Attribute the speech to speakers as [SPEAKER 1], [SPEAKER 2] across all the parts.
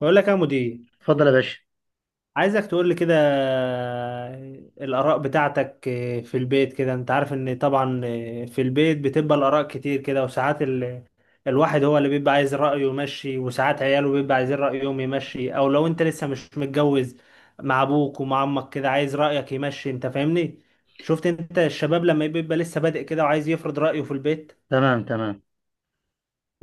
[SPEAKER 1] بقول لك يا مدير،
[SPEAKER 2] اتفضل يا باشا.
[SPEAKER 1] عايزك تقول لي كده. الآراء بتاعتك في البيت كده، انت عارف ان طبعا في البيت بتبقى الآراء كتير كده. وساعات الواحد هو اللي بيبقى عايز رأيه يمشي، وساعات عياله بيبقى عايزين رأيهم يمشي، او لو انت لسه مش متجوز مع ابوك ومع امك كده عايز رأيك يمشي. انت فاهمني؟ شفت انت الشباب لما بيبقى لسه بادئ كده وعايز يفرض رأيه في البيت؟
[SPEAKER 2] تمام، تمام.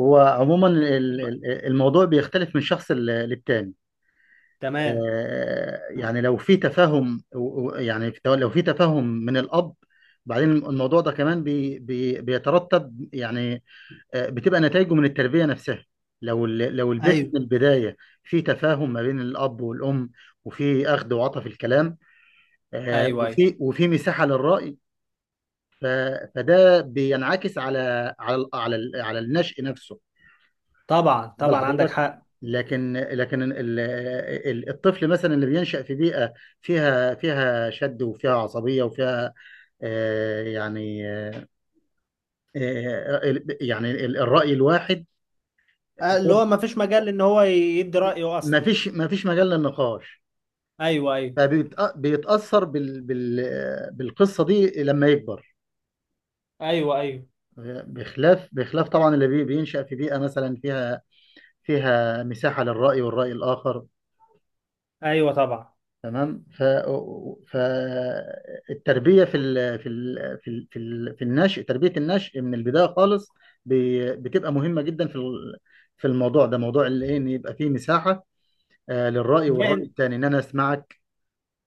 [SPEAKER 2] هو عموما الموضوع بيختلف من شخص للتاني.
[SPEAKER 1] تمام.
[SPEAKER 2] يعني لو في تفاهم لو في تفاهم من الأب. بعدين الموضوع ده كمان بي بي بيترتب يعني. بتبقى نتائجه من التربية نفسها. لو لو البيت
[SPEAKER 1] ايوه
[SPEAKER 2] من البداية في تفاهم ما بين الأب والأم، وفي أخذ وعطا في الكلام،
[SPEAKER 1] ايوه ايوه
[SPEAKER 2] وفي مساحة للرأي. ف- فده بينعكس على النشء نفسه.
[SPEAKER 1] طبعا
[SPEAKER 2] بل
[SPEAKER 1] طبعا عندك
[SPEAKER 2] حضرتك،
[SPEAKER 1] حق.
[SPEAKER 2] لكن الطفل مثلا اللي بينشأ في بيئة فيها شد، وفيها عصبية، وفيها آه، يعني آه، الرأي الواحد.
[SPEAKER 1] اللي
[SPEAKER 2] ده
[SPEAKER 1] هو ما فيش مجال ان هو يدي رأيه اصلا.
[SPEAKER 2] ما فيش مجال للنقاش.
[SPEAKER 1] ايوه ايوه.
[SPEAKER 2] فبيتأثر بالقصة دي لما يكبر.
[SPEAKER 1] ايوه ايوه.
[SPEAKER 2] بخلاف طبعا اللي بينشأ في بيئة مثلا فيها مساحة للرأي والرأي الآخر.
[SPEAKER 1] ايوه طبعا.
[SPEAKER 2] تمام. فالتربيه في النشء، تربيه النشء من البدايه خالص ب... بتبقى مهمه جدا في في الموضوع ده، موضوع اللي ان يبقى فيه مساحه للراي والراي
[SPEAKER 1] باين.
[SPEAKER 2] الثاني، ان انا اسمعك،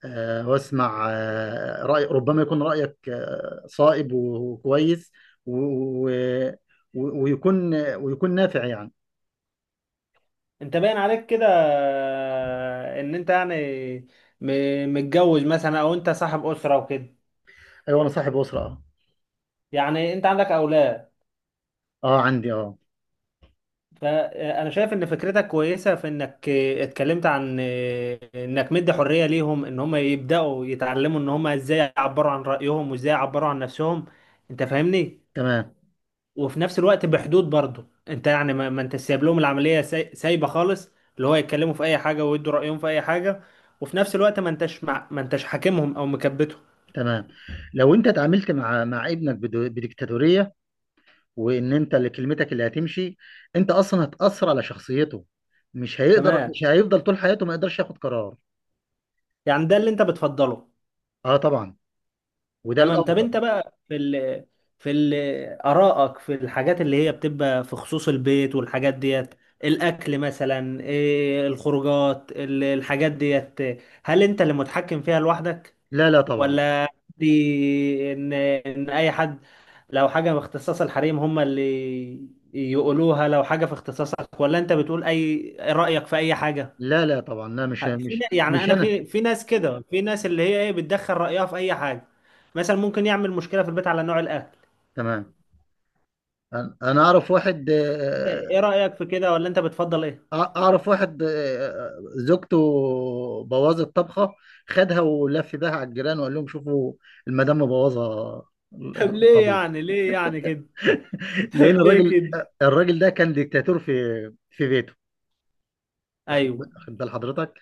[SPEAKER 2] واسمع راي، ربما يكون رايك صائب وكويس، و... و... ويكون نافع يعني.
[SPEAKER 1] انت باين عليك كده ان انت يعني متجوز مثلا او انت صاحب أسرة وكده.
[SPEAKER 2] ايوه، انا صاحب اسره، اه.
[SPEAKER 1] يعني انت عندك اولاد؟
[SPEAKER 2] عندي، اه.
[SPEAKER 1] فانا شايف ان فكرتك كويسة في انك اتكلمت عن انك مدي حرية ليهم ان هم يبدأوا يتعلموا ان هم ازاي يعبروا عن رأيهم وازاي يعبروا عن نفسهم. انت فاهمني؟
[SPEAKER 2] تمام،
[SPEAKER 1] وفي نفس الوقت بحدود برضه. انت يعني ما انت سايب لهم العمليه سايبه خالص، اللي هو يتكلموا في اي حاجه ويدوا رايهم في اي حاجه، وفي نفس الوقت ما انتش ما انتش حاكمهم او مكبتهم.
[SPEAKER 2] تمام. لو انت اتعاملت مع ابنك بديكتاتورية، وان انت اللي كلمتك اللي هتمشي، انت اصلا هتأثر على شخصيته.
[SPEAKER 1] تمام.
[SPEAKER 2] مش هيفضل طول حياته ما يقدرش ياخد قرار.
[SPEAKER 1] يعني ده اللي انت بتفضله؟
[SPEAKER 2] اه، طبعا. وده
[SPEAKER 1] تمام. طب
[SPEAKER 2] الافضل.
[SPEAKER 1] انت بقى في في ال... ارائك في الحاجات اللي هي بتبقى في خصوص البيت والحاجات ديت. الاكل مثلا، إيه الخروجات الحاجات ديت؟ هل انت اللي متحكم فيها لوحدك؟
[SPEAKER 2] لا، لا، طبعا،
[SPEAKER 1] ولا دي ان اي حد، لو حاجه في اختصاص الحريم هم اللي يقولوها، لو حاجه في اختصاصك؟ ولا انت بتقول اي رايك في اي حاجه؟
[SPEAKER 2] لا، لا، طبعا، لا،
[SPEAKER 1] في يعني
[SPEAKER 2] مش
[SPEAKER 1] انا
[SPEAKER 2] انا.
[SPEAKER 1] في ناس كده، في ناس اللي هي ايه بتدخل رايها في اي حاجه، مثلا ممكن يعمل مشكله في البيت على نوع الاكل.
[SPEAKER 2] تمام. انا اعرف واحد،
[SPEAKER 1] انت ايه رايك في كده؟ ولا انت بتفضل ايه؟
[SPEAKER 2] اعرف واحد، زوجته بوظت طبخة، خدها ولف بيها على الجيران وقال لهم: شوفوا المدام مبوظة
[SPEAKER 1] طب ليه
[SPEAKER 2] الطبيخ.
[SPEAKER 1] يعني، ليه يعني كده؟ طب
[SPEAKER 2] لان
[SPEAKER 1] ليه كده؟
[SPEAKER 2] الراجل ده كان ديكتاتور في بيته. واخد
[SPEAKER 1] ايوه
[SPEAKER 2] واخد بال حضرتك.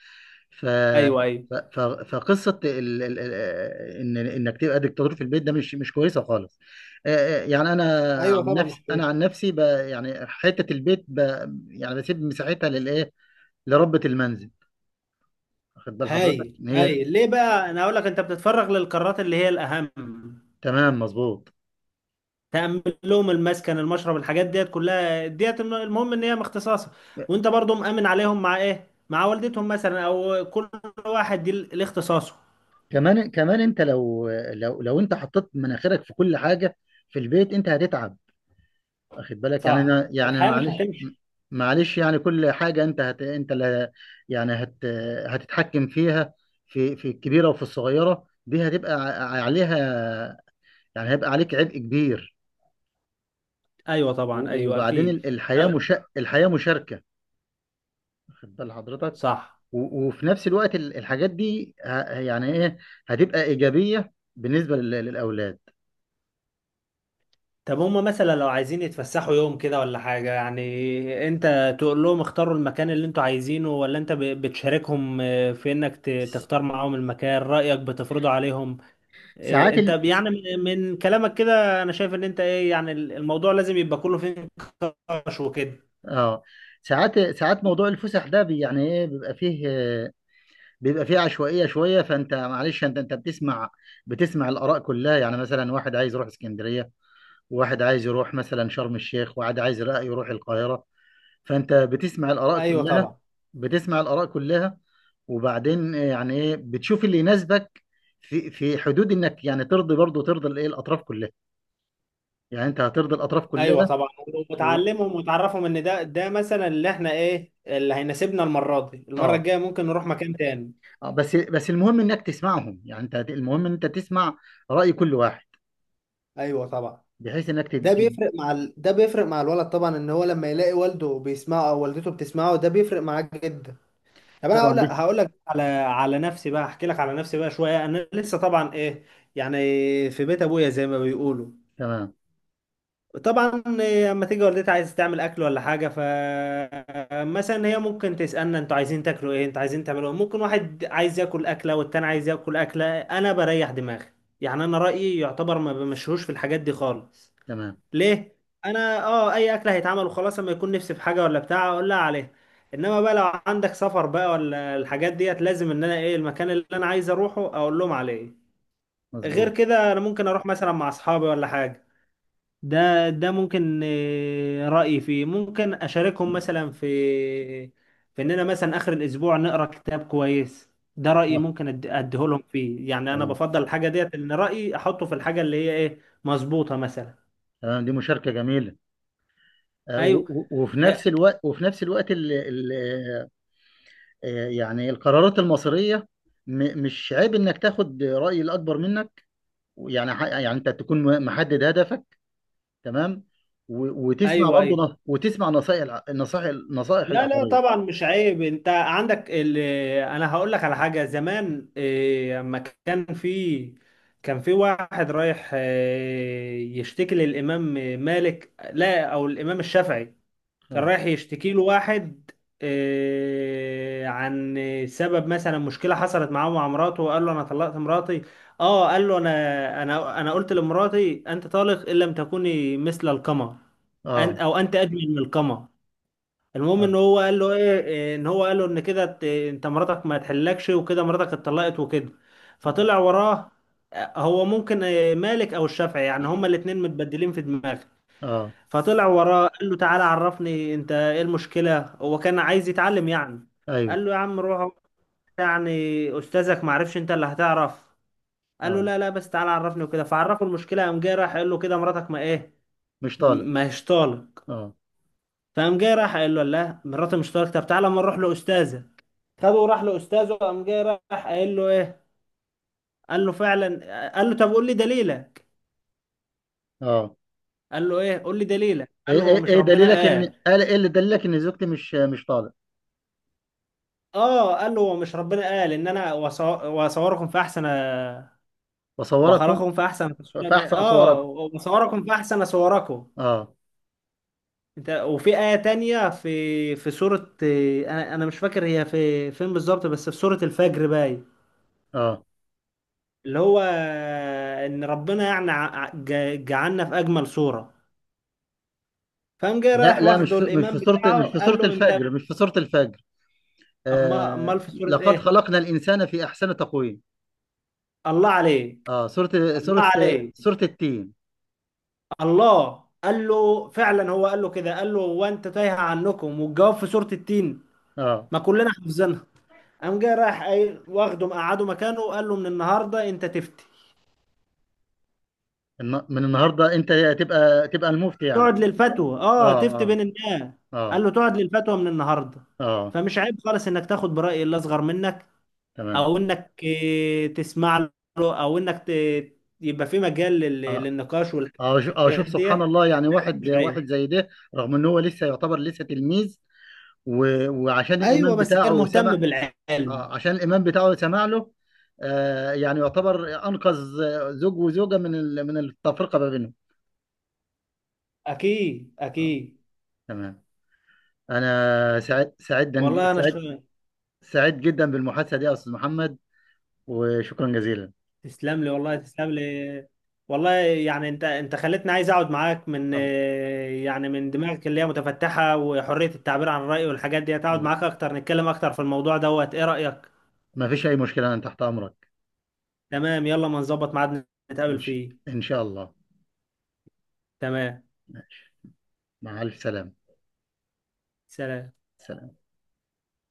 [SPEAKER 2] ف
[SPEAKER 1] ايوه. ايوه
[SPEAKER 2] ف- ف- فقصه ان انك تبقى ديكتاتور في البيت، ده مش كويسه خالص. يعني انا
[SPEAKER 1] ايوه طبعا مش بعيد.
[SPEAKER 2] عن نفسي، ب... يعني حته البيت، يعني بسيب مساحتها للايه، لربة المنزل. واخد بال حضرتك
[SPEAKER 1] هايل
[SPEAKER 2] ان هي.
[SPEAKER 1] هايل. ليه بقى؟ انا اقول لك انت بتتفرغ للقرارات اللي هي الاهم.
[SPEAKER 2] تمام، مظبوط.
[SPEAKER 1] تأمن لهم المسكن المشرب الحاجات ديت كلها ديت، المهم ان هي مختصاصة، وانت برضو مأمن عليهم مع ايه، مع والدتهم مثلا، او كل واحد دي الاختصاصه.
[SPEAKER 2] كمان انت لو انت حطيت مناخيرك في كل حاجه في البيت، انت هتتعب. واخد بالك؟ يعني
[SPEAKER 1] صح،
[SPEAKER 2] انا يعني
[SPEAKER 1] الحياة مش
[SPEAKER 2] معلش،
[SPEAKER 1] هتمشي.
[SPEAKER 2] معلش، يعني كل حاجه انت هت انت اللي يعني هت هتتحكم فيها، في الكبيره وفي الصغيره، دي هتبقى عليها. يعني هيبقى عليك عبء كبير.
[SPEAKER 1] ايوه طبعا، ايوه
[SPEAKER 2] وبعدين
[SPEAKER 1] اكيد.
[SPEAKER 2] الحياه،
[SPEAKER 1] أو-
[SPEAKER 2] مش الحياه مشاركه. واخد بال حضرتك.
[SPEAKER 1] صح.
[SPEAKER 2] وفي نفس الوقت الحاجات دي يعني ايه هتبقى ايجابيه بالنسبه للاولاد.
[SPEAKER 1] طب هما مثلا لو عايزين يتفسحوا يوم كده ولا حاجة، يعني انت تقول لهم اختاروا المكان اللي انتوا عايزينه؟ ولا انت بتشاركهم في انك
[SPEAKER 2] س-
[SPEAKER 1] تختار معاهم المكان؟ رأيك بتفرضه عليهم؟ إيه
[SPEAKER 2] ساعات
[SPEAKER 1] انت يعني، من كلامك كده انا شايف ان انت ايه يعني الموضوع لازم يبقى كله فيه نقاش وكده.
[SPEAKER 2] اه. ساعات موضوع الفسح ده يعني ايه بيبقى فيه، بيبقى فيه عشوائية شوية. فانت معلش انت بتسمع الآراء كلها. يعني مثلا واحد عايز يروح اسكندرية، وواحد عايز يروح مثلا شرم الشيخ، وواحد عايز رأي يروح القاهرة. فانت بتسمع الآراء
[SPEAKER 1] ايوه
[SPEAKER 2] كلها،
[SPEAKER 1] طبعا.
[SPEAKER 2] بتسمع الآراء كلها. وبعدين يعني ايه بتشوف اللي يناسبك في حدود انك يعني ترضي، برضه ترضي الايه الاطراف كلها. يعني انت هترضي الاطراف
[SPEAKER 1] ايوه
[SPEAKER 2] كلها.
[SPEAKER 1] طبعا.
[SPEAKER 2] و...
[SPEAKER 1] وتعلمهم وتعرفهم ان ده مثلا اللي احنا ايه اللي هيناسبنا المره دي، المره
[SPEAKER 2] اه.
[SPEAKER 1] الجايه ممكن نروح مكان تاني.
[SPEAKER 2] بس المهم انك تسمعهم. يعني انت المهم ان انت تسمع رأي كل واحد،
[SPEAKER 1] ايوه طبعا.
[SPEAKER 2] بحيث انك
[SPEAKER 1] ده بيفرق مع ده بيفرق مع الولد طبعا، ان هو لما يلاقي والده بيسمعه او والدته بتسمعه ده بيفرق معاه جدا. طب انا
[SPEAKER 2] طبعا دي.
[SPEAKER 1] هقول لك على نفسي بقى، احكي لك على نفسي بقى شويه. انا لسه طبعا ايه يعني، في بيت ابويا زي ما بيقولوا.
[SPEAKER 2] تمام،
[SPEAKER 1] طبعا اما تيجي والدتي عايز تعمل اكل ولا حاجه، ف مثلا هي ممكن تسالنا انتوا عايزين تاكلوا ايه، انتوا عايزين تعملوا ايه، ممكن واحد عايز ياكل اكله والتاني عايز ياكل اكله. انا بريح دماغي، يعني انا رايي يعتبر ما بمشيهوش في الحاجات دي خالص.
[SPEAKER 2] تمام،
[SPEAKER 1] ليه؟ انا اه اي اكله هيتعمل وخلاص، اما يكون نفسي في حاجه ولا بتاع اقول لها عليها. انما بقى لو عندك سفر بقى ولا الحاجات ديت، لازم ان انا ايه المكان اللي انا عايز اروحه اقول لهم عليه. غير
[SPEAKER 2] مظبوط،
[SPEAKER 1] كده انا ممكن اروح مثلا مع اصحابي ولا حاجه، ده ممكن رأيي فيه ممكن أشاركهم مثلا في إننا مثلا آخر الأسبوع نقرأ كتاب كويس. ده رأيي
[SPEAKER 2] اه.
[SPEAKER 1] ممكن أديه لهم فيه. يعني أنا
[SPEAKER 2] تمام،
[SPEAKER 1] بفضل الحاجة ديت، إن رأيي أحطه في الحاجة اللي هي إيه مظبوطة مثلا.
[SPEAKER 2] تمام، دي مشاركة جميلة.
[SPEAKER 1] أيوه. يا-
[SPEAKER 2] وفي نفس الوقت ال ال آه، آه، يعني القرارات المصيرية مش عيب انك تاخد رأي الاكبر منك. يعني يعني انت تكون محدد هدفك، تمام.
[SPEAKER 1] أيوه أيوه.
[SPEAKER 2] وتسمع نصائح الع- النصائح نصائح
[SPEAKER 1] لا لا
[SPEAKER 2] الاخرين.
[SPEAKER 1] طبعا مش عيب. أنت عندك أنا هقول لك على حاجة زمان. أما كان في، كان في واحد رايح يشتكي للإمام مالك، لا أو الإمام الشافعي. كان
[SPEAKER 2] اه،
[SPEAKER 1] رايح يشتكي له واحد عن سبب مثلا مشكله حصلت معاه مع مراته، وقال له انا طلقت مراتي. اه قال له انا قلت لمراتي انت طالق ان لم تكوني مثل القمر، أن
[SPEAKER 2] اه،
[SPEAKER 1] او انت اجمل من القمر. المهم
[SPEAKER 2] اه،
[SPEAKER 1] ان هو قال له ايه، ان هو قال له ان كده انت مراتك ما تحلكش وكده مراتك اتطلقت وكده.
[SPEAKER 2] اه.
[SPEAKER 1] فطلع وراه. هو ممكن مالك او الشافعي، يعني هما الاتنين متبدلين في دماغه.
[SPEAKER 2] آه،
[SPEAKER 1] فطلع وراه قال له تعالى عرفني انت ايه المشكلة، هو كان عايز يتعلم يعني.
[SPEAKER 2] ايوه،
[SPEAKER 1] قال له يا عم روح اقعد، يعني استاذك ما عرفش انت اللي هتعرف؟ قال له
[SPEAKER 2] اه.
[SPEAKER 1] لا لا بس تعالى عرفني وكده، فعرفه المشكلة. قام جاي راح قال له كده مراتك ما ايه،
[SPEAKER 2] مش طالق.
[SPEAKER 1] ما هيش طالق.
[SPEAKER 2] اه،
[SPEAKER 1] فقام جاي راح قال له لا مراتي مش طالق، طب تعالى اما نروح لاستاذة. خده وراح لاستاذه قام جاي راح قال له ايه، قال له فعلا. قال له طب قول لي دليلك.
[SPEAKER 2] اه.
[SPEAKER 1] قال له ايه قول لي دليلك، قال
[SPEAKER 2] ايه
[SPEAKER 1] له هو
[SPEAKER 2] ايه
[SPEAKER 1] مش
[SPEAKER 2] إيه
[SPEAKER 1] ربنا
[SPEAKER 2] دليلك؟ ان
[SPEAKER 1] قال.
[SPEAKER 2] قال ايه؟ اللي دليلك ان زوجتي مش طالق؟
[SPEAKER 1] اه قال له مش ربنا قال ان انا واصوركم في احسن
[SPEAKER 2] بصورك.
[SPEAKER 1] واخلقكم في احسن تصوير. بقى
[SPEAKER 2] فاحسن
[SPEAKER 1] اه
[SPEAKER 2] صورك.
[SPEAKER 1] واصوركم في احسن صوركم
[SPEAKER 2] اه،
[SPEAKER 1] انت. وفي آية تانية في في سورة، انا مش فاكر هي في فين بالظبط، بس في سورة الفجر باي،
[SPEAKER 2] اه.
[SPEAKER 1] اللي هو ان ربنا يعني جعلنا في اجمل صورة. فقام جاي
[SPEAKER 2] لا،
[SPEAKER 1] رايح
[SPEAKER 2] لا، مش
[SPEAKER 1] واخده
[SPEAKER 2] في مش
[SPEAKER 1] الامام
[SPEAKER 2] في صورة
[SPEAKER 1] بتاعه
[SPEAKER 2] مش في
[SPEAKER 1] قال
[SPEAKER 2] صورة
[SPEAKER 1] له انت
[SPEAKER 2] الفجر مش في صورة الفجر.
[SPEAKER 1] امال
[SPEAKER 2] آه،
[SPEAKER 1] في سورة
[SPEAKER 2] لقد
[SPEAKER 1] ايه؟
[SPEAKER 2] خلقنا الإنسان في أحسن تقويم.
[SPEAKER 1] الله عليك.
[SPEAKER 2] اه،
[SPEAKER 1] الله عليك.
[SPEAKER 2] صورة التين.
[SPEAKER 1] الله قال له فعلا، هو قال له كده، قال له وانت تايه عنكم والجواب في سورة التين،
[SPEAKER 2] اه.
[SPEAKER 1] ما كلنا حافظينها. قام جاي رايح واخده مقعده مكانه وقال له من النهارده انت تفتي،
[SPEAKER 2] من النهارده أنت تبقى المفتي يعني.
[SPEAKER 1] تقعد للفتوى اه
[SPEAKER 2] اه،
[SPEAKER 1] تفتي بين الناس.
[SPEAKER 2] اه،
[SPEAKER 1] قال
[SPEAKER 2] اه،
[SPEAKER 1] له تقعد للفتوى من النهارده.
[SPEAKER 2] اه.
[SPEAKER 1] فمش عيب خالص انك تاخد برأي اللي اصغر منك،
[SPEAKER 2] تمام.
[SPEAKER 1] او انك تسمع له، او انك ت- يبقى في مجال
[SPEAKER 2] اه،
[SPEAKER 1] للنقاش
[SPEAKER 2] اه.
[SPEAKER 1] والحاجات
[SPEAKER 2] شوف
[SPEAKER 1] دي.
[SPEAKER 2] سبحان الله. يعني
[SPEAKER 1] مش
[SPEAKER 2] واحد
[SPEAKER 1] عيب.
[SPEAKER 2] زي ده، رغم ان هو لسه يعتبر لسه تلميذ، و- وعشان الإمام
[SPEAKER 1] ايوه بس كان
[SPEAKER 2] بتاعه
[SPEAKER 1] مهتم
[SPEAKER 2] سمع
[SPEAKER 1] بالعلم.
[SPEAKER 2] آه، عشان الإمام بتاعه سمع له. يعني يعتبر أنقذ زوج وزوجة من من التفرقة ما بينهم.
[SPEAKER 1] اكيد
[SPEAKER 2] آه.
[SPEAKER 1] اكيد.
[SPEAKER 2] تمام. أنا سعيد سعيد دن-
[SPEAKER 1] والله انا
[SPEAKER 2] سعيد سعيد جدا بالمحادثة دي يا أستاذ محمد، وشكرا جزيلا.
[SPEAKER 1] تسلم لي والله تسلم لي. والله يعني انت خلتني عايز اقعد معاك من،
[SPEAKER 2] الله،
[SPEAKER 1] يعني من دماغك اللي هي متفتحة وحرية التعبير عن الرأي والحاجات دي، اقعد
[SPEAKER 2] الله.
[SPEAKER 1] معاك اكتر نتكلم اكتر في الموضوع دوت. ايه رأيك؟
[SPEAKER 2] ما فيش أي مشكلة، أنا تحت أمرك.
[SPEAKER 1] تمام. يلا ما نظبط ميعاد
[SPEAKER 2] إن
[SPEAKER 1] نتقابل
[SPEAKER 2] ش-
[SPEAKER 1] فيه.
[SPEAKER 2] إن شاء الله.
[SPEAKER 1] تمام.
[SPEAKER 2] مع ألف سلامة.
[SPEAKER 1] سلام.
[SPEAKER 2] سلام.